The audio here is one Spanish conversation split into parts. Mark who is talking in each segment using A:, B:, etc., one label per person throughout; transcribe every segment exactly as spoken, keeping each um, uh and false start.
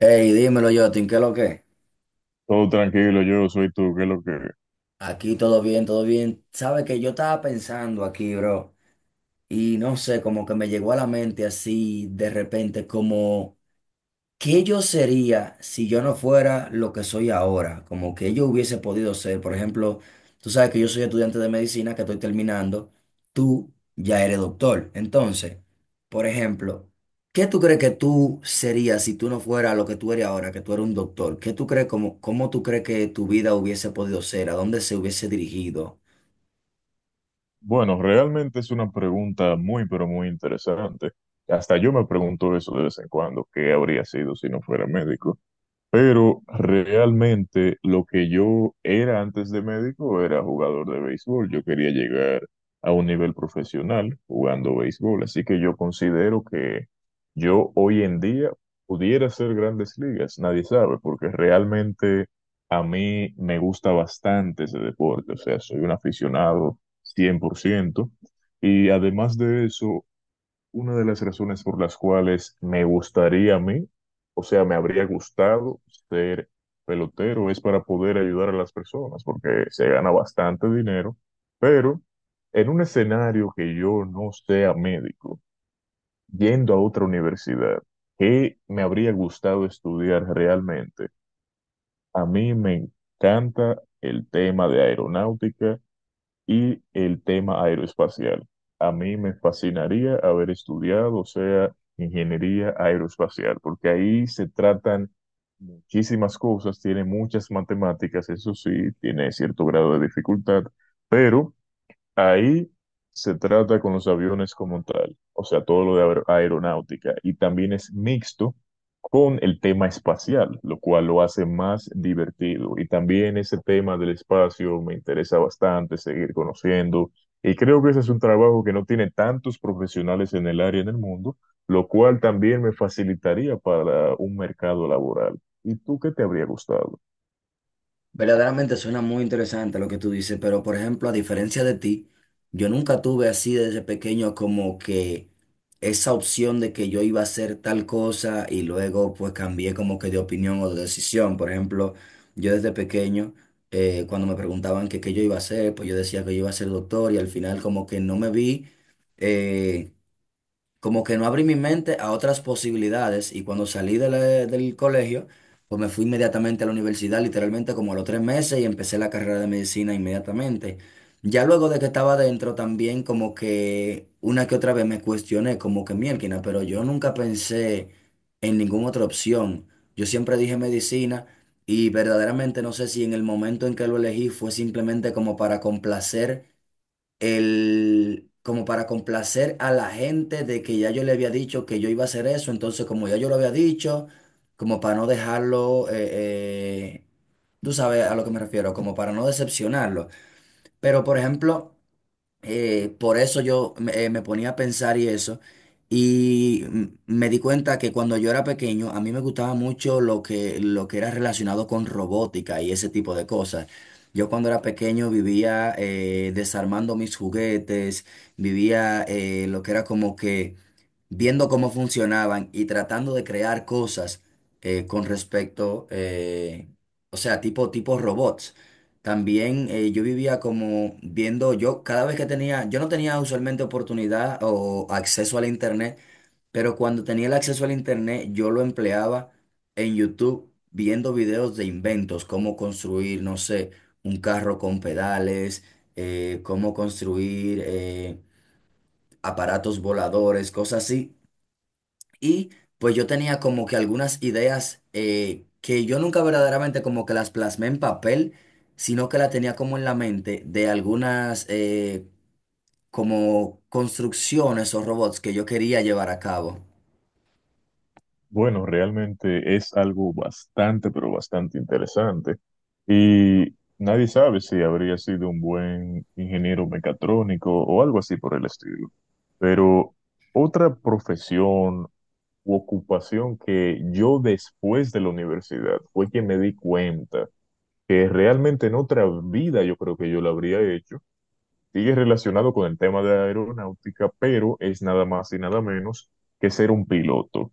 A: Hey, dímelo, Jotin, ¿qué es lo que?
B: Todo tranquilo, yo soy tú, ¿qué es lo que?
A: Aquí todo bien, todo bien. Sabe que yo estaba pensando aquí, bro, y no sé, como que me llegó a la mente así de repente, como ¿qué yo sería si yo no fuera lo que soy ahora? Como que yo hubiese podido ser. Por ejemplo, tú sabes que yo soy estudiante de medicina que estoy terminando. Tú ya eres doctor. Entonces, por ejemplo, ¿qué tú crees que tú serías si tú no fueras lo que tú eres ahora, que tú eres un doctor? ¿Qué tú crees, cómo, cómo tú crees que tu vida hubiese podido ser? ¿A dónde se hubiese dirigido?
B: Bueno, realmente es una pregunta muy, pero muy interesante. Hasta yo me pregunto eso de vez en cuando, ¿qué habría sido si no fuera médico? Pero realmente lo que yo era antes de médico era jugador de béisbol. Yo quería llegar a un nivel profesional jugando béisbol. Así que yo considero que yo hoy en día pudiera hacer grandes ligas. Nadie sabe, porque realmente a mí me gusta bastante ese deporte. O sea, soy un aficionado cien por ciento. Y además de eso, una de las razones por las cuales me gustaría a mí, o sea, me habría gustado ser pelotero, es para poder ayudar a las personas, porque se gana bastante dinero, pero en un escenario que yo no sea médico, yendo a otra universidad, ¿que me habría gustado estudiar realmente? A mí me encanta el tema de aeronáutica y el tema aeroespacial. A mí me fascinaría haber estudiado, o sea, ingeniería aeroespacial, porque ahí se tratan muchísimas cosas, tiene muchas matemáticas, eso sí, tiene cierto grado de dificultad, pero ahí se trata con los aviones como tal, o sea, todo lo de aer- aeronáutica, y también es mixto con el tema espacial, lo cual lo hace más divertido. Y también ese tema del espacio me interesa bastante seguir conociendo, y creo que ese es un trabajo que no tiene tantos profesionales en el área en el mundo, lo cual también me facilitaría para un mercado laboral. ¿Y tú qué te habría gustado?
A: Verdaderamente suena muy interesante lo que tú dices, pero por ejemplo, a diferencia de ti, yo nunca tuve así desde pequeño como que esa opción de que yo iba a hacer tal cosa y luego pues cambié como que de opinión o de decisión. Por ejemplo, yo desde pequeño, eh, cuando me preguntaban que qué yo iba a hacer, pues yo decía que yo iba a ser doctor y al final como que no me vi. eh, Como que no abrí mi mente a otras posibilidades y cuando salí de la- del colegio, pues me fui inmediatamente a la universidad, literalmente como a los tres meses y empecé la carrera de medicina inmediatamente. Ya luego de que estaba dentro también como que una que otra vez me cuestioné como que miérquina, pero yo nunca pensé en ninguna otra opción. Yo siempre dije medicina y verdaderamente no sé si en el momento en que lo elegí fue simplemente como para complacer el, como para complacer a la gente de que ya yo le había dicho que yo iba a hacer eso, entonces como ya yo lo había dicho, como para no dejarlo, eh, eh, tú sabes a lo que me refiero, como para no decepcionarlo. Pero por ejemplo, eh, por eso yo me, eh, me ponía a pensar y eso, y m- me di cuenta que cuando yo era pequeño, a mí me gustaba mucho lo que, lo que era relacionado con robótica y ese tipo de cosas. Yo cuando era pequeño vivía eh, desarmando mis juguetes, vivía eh, lo que era como que viendo cómo funcionaban y tratando de crear cosas eh, con respecto, eh, o sea, tipo, tipo robots. También eh, yo vivía como viendo, yo cada vez que tenía, yo no tenía usualmente oportunidad o acceso al internet, pero cuando tenía el acceso al internet yo lo empleaba en YouTube viendo videos de inventos, cómo construir, no sé, un carro con pedales, eh, cómo construir... eh, aparatos voladores, cosas así, y pues yo tenía como que algunas ideas eh, que yo nunca verdaderamente como que las plasmé en papel, sino que la tenía como en la mente de algunas eh, como construcciones o robots que yo quería llevar a cabo.
B: Bueno, realmente es algo bastante, pero bastante interesante. Y nadie sabe si habría sido un buen ingeniero mecatrónico o algo así por el estilo. Pero otra profesión u ocupación que yo después de la universidad fue que me di cuenta que realmente en otra vida yo creo que yo la habría hecho, sigue relacionado con el tema de aeronáutica, pero es nada más y nada menos que ser un piloto.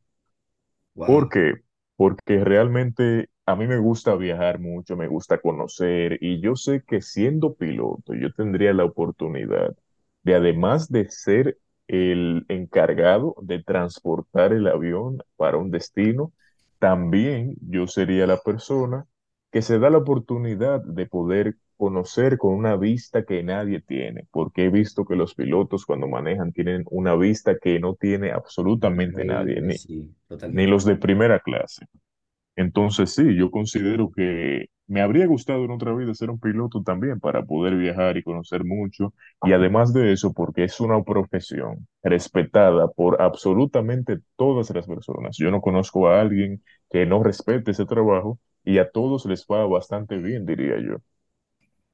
A: Wow,
B: ¿Por qué? Porque realmente a mí me gusta viajar mucho, me gusta conocer y yo sé que siendo piloto yo tendría la oportunidad de, además de ser el encargado de transportar el avión para un destino, también yo sería la persona que se da la oportunidad de poder conocer con una vista que nadie tiene, porque he visto que los pilotos cuando manejan tienen una vista que no tiene absolutamente nadie,
A: increíble, sí,
B: ni
A: totalmente.
B: los de primera clase. Entonces sí, yo considero que me habría gustado en otra vida ser un piloto también para poder viajar y conocer mucho. Y además de eso, porque es una profesión respetada por absolutamente todas las personas. Yo no conozco a alguien que no respete ese trabajo y a todos les va bastante bien, diría yo.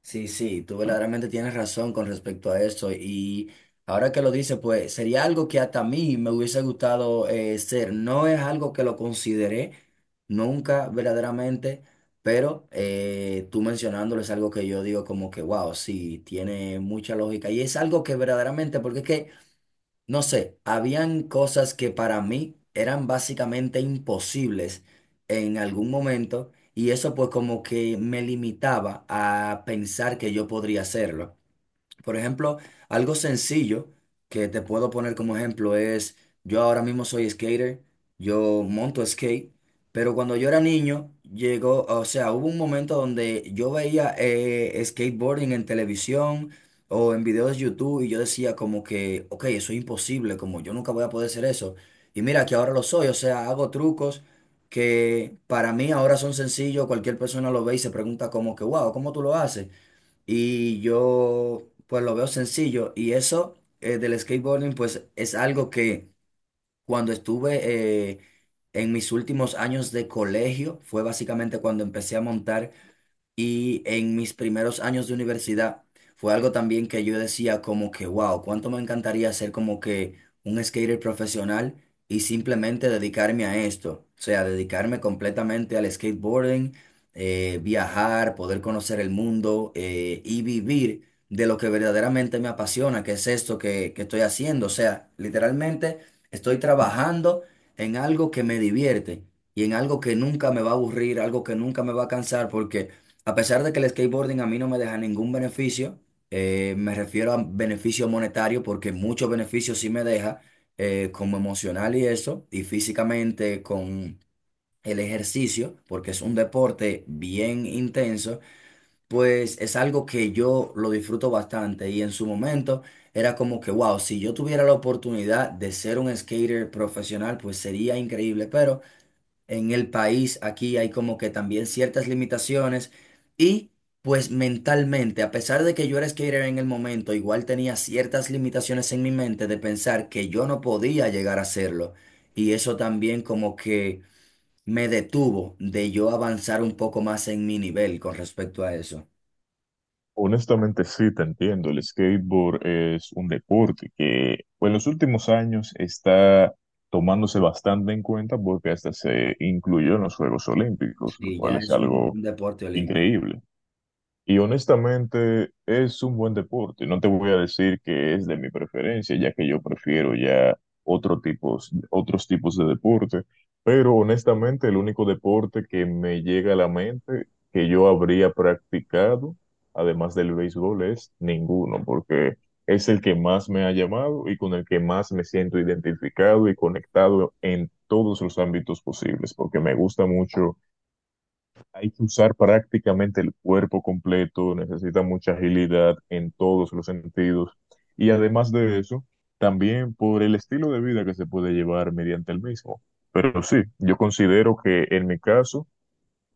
A: Sí, sí, tú verdaderamente tienes razón con respecto a eso y ahora que lo dices, pues sería algo que hasta a mí me hubiese gustado eh, ser. No es algo que lo consideré nunca verdaderamente, pero eh, tú mencionándolo es algo que yo digo como que, wow, sí, tiene mucha lógica y es algo que verdaderamente, porque es que... No sé, habían cosas que para mí eran básicamente imposibles en algún momento y eso pues como que me limitaba a pensar que yo podría hacerlo. Por ejemplo, algo sencillo que te puedo poner como ejemplo es, yo ahora mismo soy skater, yo monto skate, pero cuando yo era niño, llegó, o sea, hubo un momento donde yo veía eh, skateboarding en televisión o en videos de YouTube y yo decía como que, ok, eso es imposible, como yo nunca voy a poder hacer eso. Y mira que ahora lo soy, o sea, hago trucos que para mí ahora son sencillos, cualquier persona lo ve y se pregunta como que, wow, ¿cómo tú lo haces? Y yo pues lo veo sencillo y eso, eh, del skateboarding pues es algo que cuando estuve eh, en mis últimos años de colegio fue básicamente cuando empecé a montar, y en mis primeros años de universidad fue algo también que yo decía como que, wow, cuánto me encantaría ser como que un skater profesional y simplemente dedicarme a esto. O sea, dedicarme completamente al skateboarding, eh, viajar, poder conocer el mundo eh, y vivir de lo que verdaderamente me apasiona, que es esto que, que estoy haciendo. O sea, literalmente estoy trabajando en algo que me divierte y en algo que nunca me va a aburrir, algo que nunca me va a cansar, porque... A pesar de que el skateboarding a mí no me deja ningún beneficio, eh, me refiero a beneficio monetario porque muchos beneficios sí me deja, eh, como emocional y eso, y físicamente con el ejercicio, porque es un deporte bien intenso, pues es algo que yo lo disfruto bastante y en su momento era como que, wow, si yo tuviera la oportunidad de ser un skater profesional, pues sería increíble, pero en el país, aquí hay como que también ciertas limitaciones y pues mentalmente, a pesar de que yo era skater en el momento, igual tenía ciertas limitaciones en mi mente de pensar que yo no podía llegar a hacerlo y eso también como que me detuvo de yo avanzar un poco más en mi nivel con respecto a eso.
B: Honestamente sí, te entiendo. El skateboard es un deporte que en los últimos años está tomándose bastante en cuenta porque hasta se incluyó en los Juegos Olímpicos,
A: Sí,
B: lo cual
A: ya
B: es
A: es un,
B: algo
A: un deporte olímpico.
B: increíble. Y honestamente es un buen deporte. No te voy a decir que es de mi preferencia, ya que yo prefiero ya otro tipos, otros tipos de deporte. Pero honestamente el único deporte que me llega a la mente que yo habría practicado, además del béisbol, es ninguno, porque es el que más me ha llamado y con el que más me siento identificado y conectado en todos los ámbitos posibles, porque me gusta mucho, hay que usar prácticamente el cuerpo completo, necesita mucha agilidad en todos los sentidos. Y además de eso, también por el estilo de vida que se puede llevar mediante el mismo. Pero sí, yo considero que en mi caso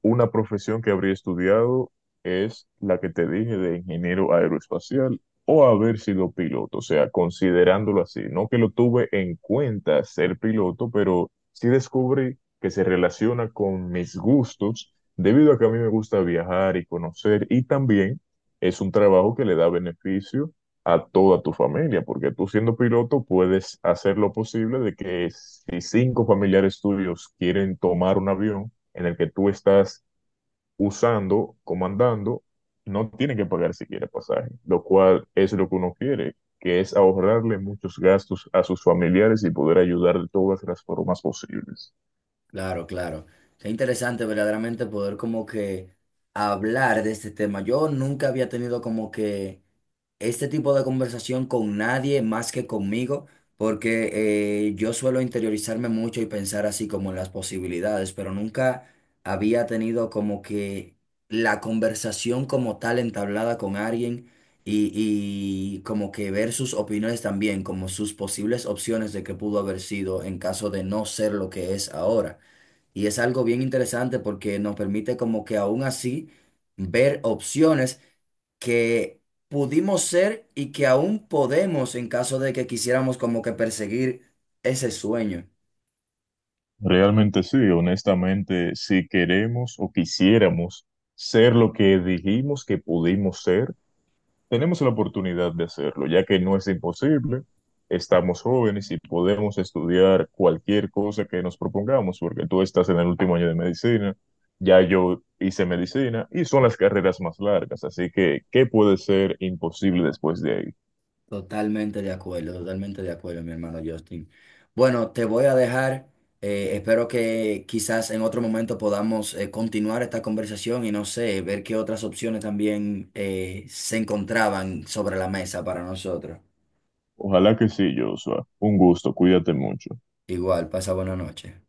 B: una profesión que habría estudiado es la que te dije de ingeniero aeroespacial o haber sido piloto, o sea, considerándolo así. No que lo tuve en cuenta ser piloto, pero sí descubrí que se relaciona con mis gustos debido a que a mí me gusta viajar y conocer y también es un trabajo que le da beneficio a toda tu familia, porque tú siendo piloto puedes hacer lo posible de que si cinco familiares tuyos quieren tomar un avión, en el que tú estás usando, comandando, no tiene que pagar siquiera pasaje, lo cual es lo que uno quiere, que es ahorrarle muchos gastos a sus familiares y poder ayudar de todas las formas posibles.
A: Claro, claro. Qué interesante verdaderamente poder como que hablar de este tema. Yo nunca había tenido como que este tipo de conversación con nadie más que conmigo, porque eh, yo suelo interiorizarme mucho y pensar así como en las posibilidades, pero nunca había tenido como que la conversación como tal entablada con alguien y, y como que ver sus opiniones también, como sus posibles opciones de qué pudo haber sido en caso de no ser lo que es ahora. Y es algo bien interesante porque nos permite como que aún así ver opciones que pudimos ser y que aún podemos en caso de que quisiéramos como que perseguir ese sueño.
B: Realmente sí, honestamente, si queremos o quisiéramos ser lo que dijimos que pudimos ser, tenemos la oportunidad de hacerlo, ya que no es imposible. Estamos jóvenes y podemos estudiar cualquier cosa que nos propongamos, porque tú estás en el último año de medicina, ya yo hice medicina y son las carreras más largas, así que, ¿qué puede ser imposible después de ahí?
A: Totalmente de acuerdo, totalmente de acuerdo, mi hermano Justin. Bueno, te voy a dejar. Eh, espero que quizás en otro momento podamos eh, continuar esta conversación y no sé, ver qué otras opciones también eh, se encontraban sobre la mesa para nosotros.
B: Ojalá que sí, Joshua. Un gusto, cuídate mucho.
A: Igual, pasa buena noche.